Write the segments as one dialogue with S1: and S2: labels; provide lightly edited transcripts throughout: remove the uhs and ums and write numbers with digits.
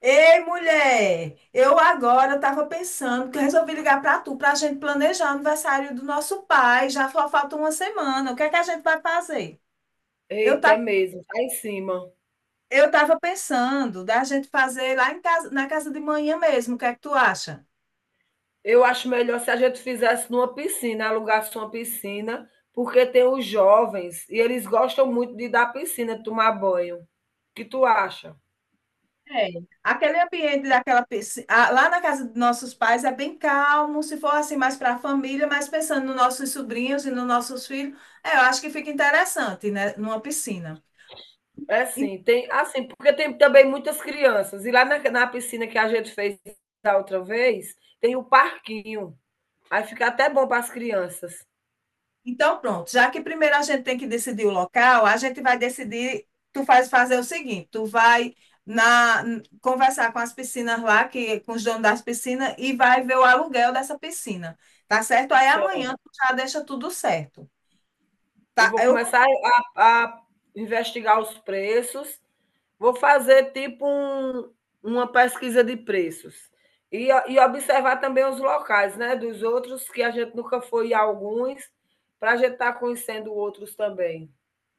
S1: Ei, mulher, eu agora estava pensando que eu resolvi ligar para tu para a gente planejar o aniversário do nosso pai. Já só falta uma semana. O que é que a gente vai fazer? Eu
S2: Eita,
S1: tá,
S2: é mesmo, tá em cima.
S1: eu estava pensando da gente fazer lá em casa, na casa de manhã mesmo. O que é que tu acha?
S2: Eu acho melhor se a gente fizesse numa piscina, alugasse uma piscina, porque tem os jovens e eles gostam muito de ir da piscina, tomar banho. O que tu acha?
S1: É. Aquele ambiente daquela piscina lá na casa dos nossos pais é bem calmo, se for assim mais para a família, mas pensando nos nossos sobrinhos e nos nossos filhos, é, eu acho que fica interessante, né, numa piscina.
S2: É, sim, tem assim, porque tem também muitas crianças. E lá na piscina que a gente fez da outra vez, tem o parquinho. Aí fica até bom para as crianças.
S1: Então, pronto, já que primeiro a gente tem que decidir o local, a gente vai decidir, tu fazer o seguinte, tu vai conversar com as piscinas lá, que com os donos das piscinas, e vai ver o aluguel dessa piscina, tá certo? Aí amanhã
S2: Certo.
S1: tu já deixa tudo certo.
S2: Eu
S1: Tá.
S2: vou
S1: eu
S2: começar a investigar os preços. Vou fazer tipo uma pesquisa de preços. E observar também os locais, né? Dos outros, que a gente nunca foi a alguns, para a gente estar tá conhecendo outros também.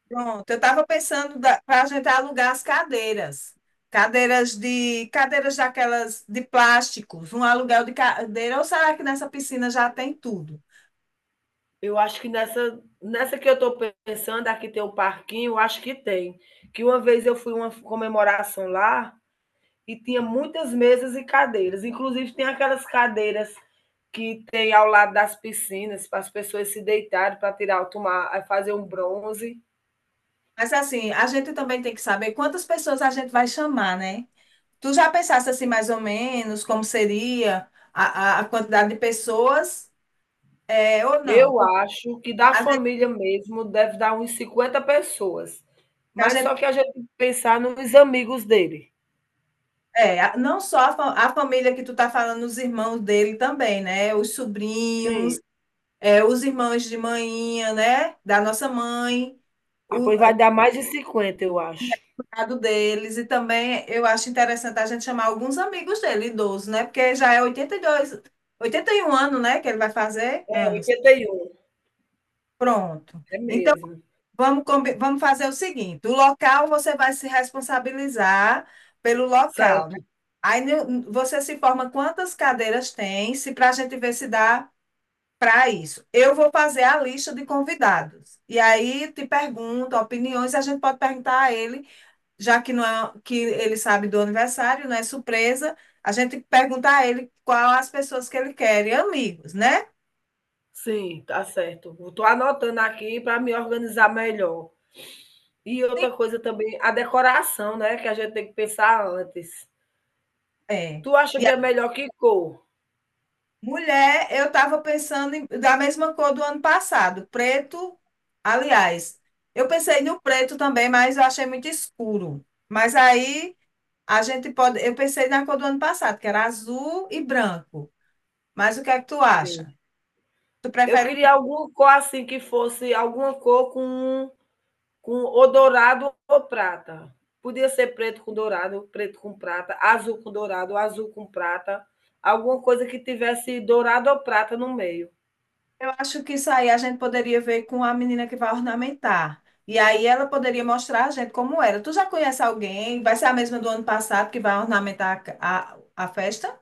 S1: pronto, eu estava pensando para a gente alugar as cadeiras. Cadeiras de Cadeiras daquelas de plásticos, um aluguel de cadeira, ou será que nessa piscina já tem tudo?
S2: Eu acho que nessa que eu estou pensando, aqui tem um parquinho, eu acho que tem. Que uma vez eu fui uma comemoração lá e tinha muitas mesas e cadeiras. Inclusive, tem aquelas cadeiras que tem ao lado das piscinas, para as pessoas se deitarem, para tirar, tomar, fazer um bronze.
S1: Mas assim, a gente também tem que saber quantas pessoas a gente vai chamar, né? Tu já pensaste assim, mais ou menos, como seria a quantidade de pessoas, é, ou não?
S2: Eu
S1: Porque
S2: acho que da
S1: a gente,
S2: família mesmo deve dar uns 50 pessoas,
S1: a
S2: mas só
S1: gente-
S2: que a gente tem que pensar nos amigos dele.
S1: é, não só a família que tu tá falando, os irmãos dele também, né? Os sobrinhos,
S2: Sim,
S1: é, os irmãos de manhinha, né? Da nossa mãe.
S2: ah, pois vai dar mais de 50, eu acho.
S1: Mercado deles, e também eu acho interessante a gente chamar alguns amigos dele, idosos, né? Porque já é 82, 81 anos, né? Que ele vai fazer
S2: É
S1: anos.
S2: 81,
S1: Pronto.
S2: é
S1: Então,
S2: mesmo.
S1: vamos fazer o seguinte: o local você vai se responsabilizar pelo local, né?
S2: Certo,
S1: Aí no- Você se informa quantas cadeiras tem, se para a gente ver se dá para isso. Eu vou fazer a lista de convidados. E aí te pergunto opiniões, a gente pode perguntar a ele, já que não é, que ele sabe do aniversário, não é surpresa, a gente tem que perguntar a ele qual as pessoas que ele quer, e amigos, né?
S2: sim, tá certo. Eu tô anotando aqui para me organizar melhor. E
S1: Sim.
S2: outra coisa também, a decoração, né, que a gente tem que pensar antes.
S1: É.
S2: Tu acha
S1: E
S2: que
S1: a
S2: é melhor que cor?
S1: Mulher, eu estava pensando da mesma cor do ano passado, preto, aliás, eu pensei no preto também, mas eu achei muito escuro. Mas aí a gente pode, eu pensei na cor do ano passado, que era azul e branco. Mas o que é que tu
S2: Sim.
S1: acha? Tu
S2: Eu
S1: prefere o...
S2: queria alguma cor, assim, que fosse alguma cor com ou dourado ou prata. Podia ser preto com dourado, preto com prata, azul com dourado, azul com prata, alguma coisa que tivesse dourado ou prata no meio.
S1: Eu acho que isso aí a gente poderia ver com a menina que vai ornamentar. E aí ela poderia mostrar a gente como era. Tu já conhece alguém? Vai ser a mesma do ano passado que vai ornamentar a festa?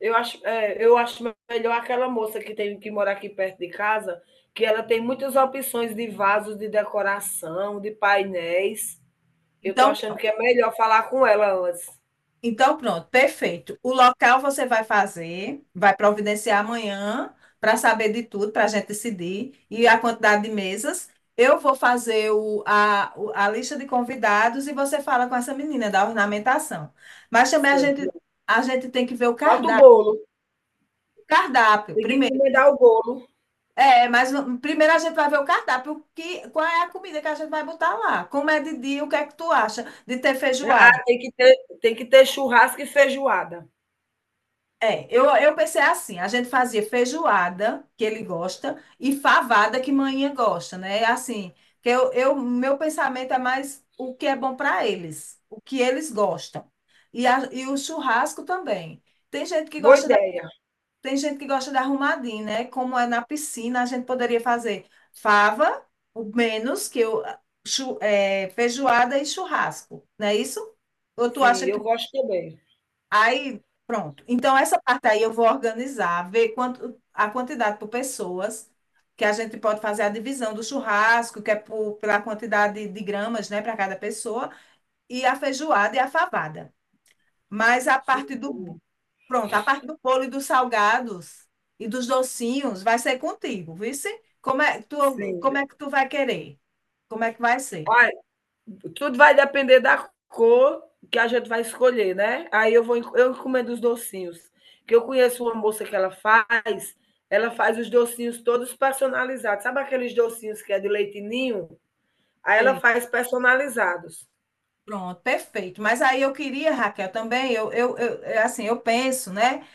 S2: Eu acho melhor aquela moça que tem que morar aqui perto de casa, que ela tem muitas opções de vasos de decoração, de painéis. Eu estou
S1: Então,
S2: achando
S1: pronto.
S2: que é melhor falar com ela antes.
S1: Perfeito. O local você vai fazer, vai providenciar amanhã para saber de tudo, para a gente decidir, e a quantidade de mesas. Eu vou fazer a lista de convidados, e você fala com essa menina da ornamentação. Mas também
S2: Certo.
S1: a gente tem que ver o
S2: Falta o
S1: cardápio.
S2: bolo.
S1: Cardápio,
S2: Tem que
S1: primeiro.
S2: encomendar o bolo.
S1: É, mas primeiro a gente vai ver o cardápio, o que, qual é a comida que a gente vai botar lá. Como é de dia, o que é que tu acha de ter
S2: Ah,
S1: feijoada?
S2: tem que ter churrasco e feijoada.
S1: É, eu pensei assim, a gente fazia feijoada, que ele gosta, e favada, que manhã gosta, né? É. Assim, que meu pensamento é mais o que é bom para eles, o que eles gostam. E o churrasco também. Tem gente que
S2: Boa
S1: gosta...
S2: ideia.
S1: Tem gente que gosta de arrumadinho, né? Como é na piscina, a gente poderia fazer fava, o menos que eu, é, feijoada e churrasco, não é isso? Ou tu
S2: Sim,
S1: acha
S2: eu
S1: que...
S2: gosto também.
S1: Aí, pronto. Então, essa parte aí eu vou organizar, ver a quantidade por pessoas, que a gente pode fazer a divisão do churrasco, que é pela quantidade de gramas, né, para cada pessoa, e a feijoada e a favada. Mas a parte
S2: Sim,
S1: do... Pronto, a parte do bolo e dos salgados e dos docinhos vai ser contigo, vice? Como é, tu,
S2: sim.
S1: como é que tu vai querer? Como é que vai ser?
S2: Ai, tudo vai depender da cor que a gente vai escolher, né? Aí eu encomendo os docinhos. Que eu conheço uma moça que ela faz os docinhos todos personalizados. Sabe aqueles docinhos que é de leite ninho? Aí ela
S1: É.
S2: faz personalizados.
S1: Pronto, perfeito. Mas aí eu queria, Raquel, também, é assim, eu penso, né?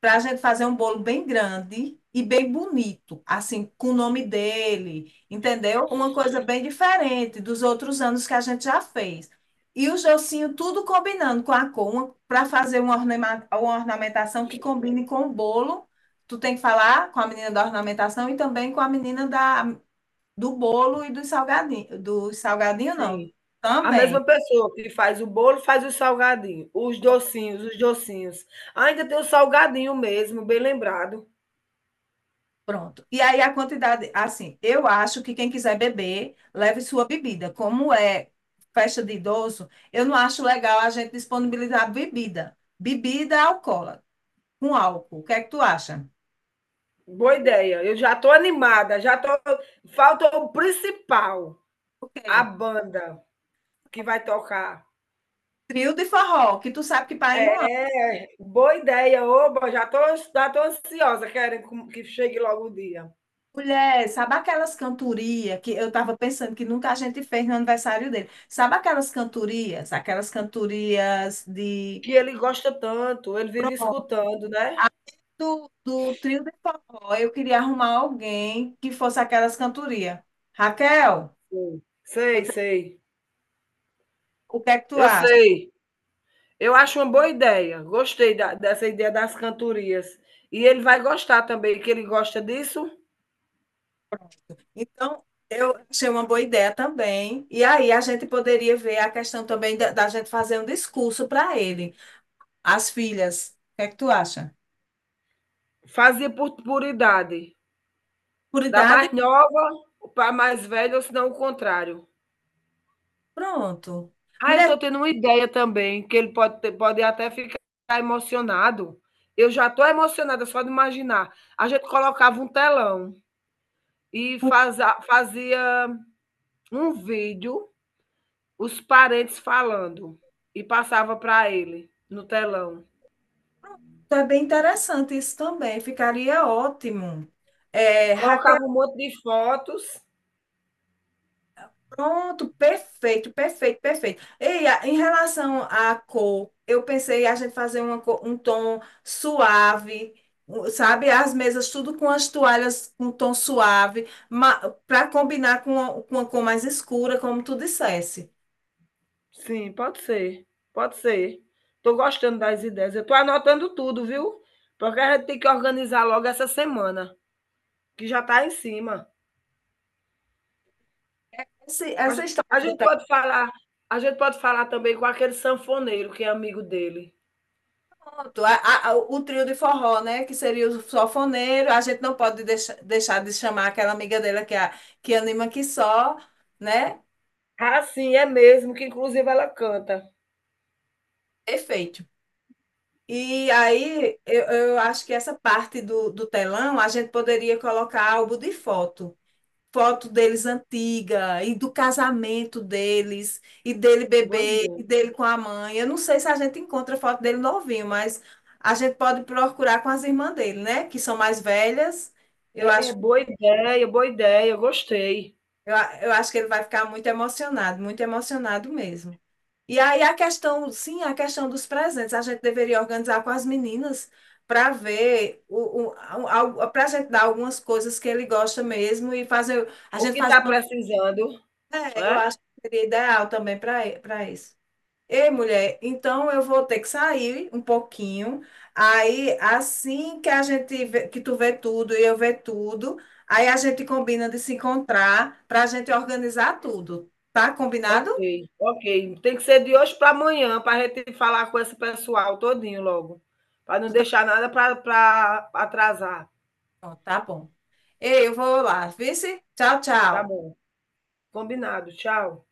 S1: Para a gente fazer um bolo bem grande e bem bonito, assim, com o nome dele, entendeu? Uma coisa bem diferente dos outros anos que a gente já fez. E o Jocinho tudo combinando com a cor, para fazer uma, uma ornamentação que combine com o bolo. Tu tem que falar com a menina da ornamentação e também com a menina do bolo e dos salgadinhos. Dos salgadinhos, não.
S2: Sim. A
S1: Também.
S2: mesma pessoa que faz o bolo, faz o salgadinho, os docinhos, os docinhos. Ainda tem o salgadinho mesmo, bem lembrado.
S1: Pronto. E aí a quantidade, assim, eu acho que quem quiser beber, leve sua bebida. Como é festa de idoso, eu não acho legal a gente disponibilizar bebida. Bebida alcoólica, com álcool. O que é que tu acha?
S2: Boa ideia. Eu já estou animada, já tô. Falta o principal,
S1: O
S2: a
S1: quê?
S2: banda que vai tocar.
S1: Trio de forró, que tu sabe que para em um ano.
S2: É, boa ideia, oba, já tô ansiosa, querem que chegue logo o dia.
S1: Mulher, sabe aquelas cantorias que eu estava pensando que nunca a gente fez no aniversário dele? Sabe aquelas cantorias de...
S2: Que ele gosta tanto, ele vive
S1: Pronto,
S2: escutando, né?
S1: do trio de forró, eu queria arrumar alguém que fosse aquelas cantorias. Raquel,
S2: Sim. Sei,
S1: você-
S2: sei.
S1: o que é que tu
S2: Eu
S1: acha?
S2: sei. Eu acho uma boa ideia. Gostei dessa ideia das cantorias. E ele vai gostar também, que ele gosta disso.
S1: Então, eu achei uma boa ideia também. E aí a gente poderia ver a questão também da gente fazer um discurso para ele, as filhas. O que é que tu acha?
S2: Fazia por idade.
S1: Por
S2: Da
S1: idade,
S2: mais nova para a mais velha, ou se não o contrário.
S1: pronto.
S2: Ah, eu
S1: Mulher,
S2: estou tendo uma ideia também, que ele pode até ficar emocionado. Eu já estou emocionada só de imaginar. A gente colocava um telão e fazia um vídeo, os parentes falando, e passava para ele no telão.
S1: é bem interessante isso também, ficaria ótimo. É, Raquel.
S2: Colocava um monte de fotos.
S1: Pronto, perfeito, perfeito, perfeito. Em relação à cor, eu pensei a gente fazer uma um tom suave, sabe? As mesas tudo com as toalhas com tom suave, para combinar com a cor mais escura, como tu dissesse.
S2: Sim, pode ser, pode ser. Tô gostando das ideias. Eu tô anotando tudo, viu? Porque a gente tem que organizar logo essa semana, que já tá em cima. A
S1: Essa
S2: gen-
S1: história
S2: a
S1: do
S2: gente pode falar, também com aquele sanfoneiro que é amigo dele.
S1: tanto, o trio de forró, né? Que seria o sanfoneiro, a gente não pode deixar de chamar aquela amiga dela que, é a, que anima que só, né?
S2: Ah, sim, é mesmo, que inclusive ela canta.
S1: Perfeito. E aí, eu acho que essa parte do telão a gente poderia colocar álbum de foto. Foto deles antiga, e do casamento deles, e dele
S2: Boa
S1: bebê,
S2: ideia.
S1: e dele com a mãe. Eu não sei se a gente encontra foto dele novinho, mas a gente pode procurar com as irmãs dele, né? Que são mais velhas. Eu
S2: É, é
S1: acho
S2: boa ideia, gostei.
S1: eu acho que ele vai ficar muito emocionado mesmo. E aí a questão, sim, a questão dos presentes, a gente deveria organizar com as meninas para ver para a gente dar algumas coisas que ele gosta mesmo e fazer, a
S2: O
S1: gente
S2: que
S1: faz
S2: está
S1: uma,
S2: precisando,
S1: é,
S2: né?
S1: eu acho que seria ideal também para isso. Ei, mulher, então eu vou ter que sair um pouquinho. Aí, assim que a gente vê, que tu vê tudo e eu vê tudo, aí a gente combina de se encontrar para a gente organizar tudo. Tá combinado?
S2: Ok, ok. Tem que ser de hoje para amanhã, para a gente falar com esse pessoal todinho logo, para não deixar nada para atrasar.
S1: Pronto, tá bom. Ei, eu vou lá. Vice? Tchau,
S2: Tá
S1: tchau.
S2: bom, combinado. Tchau.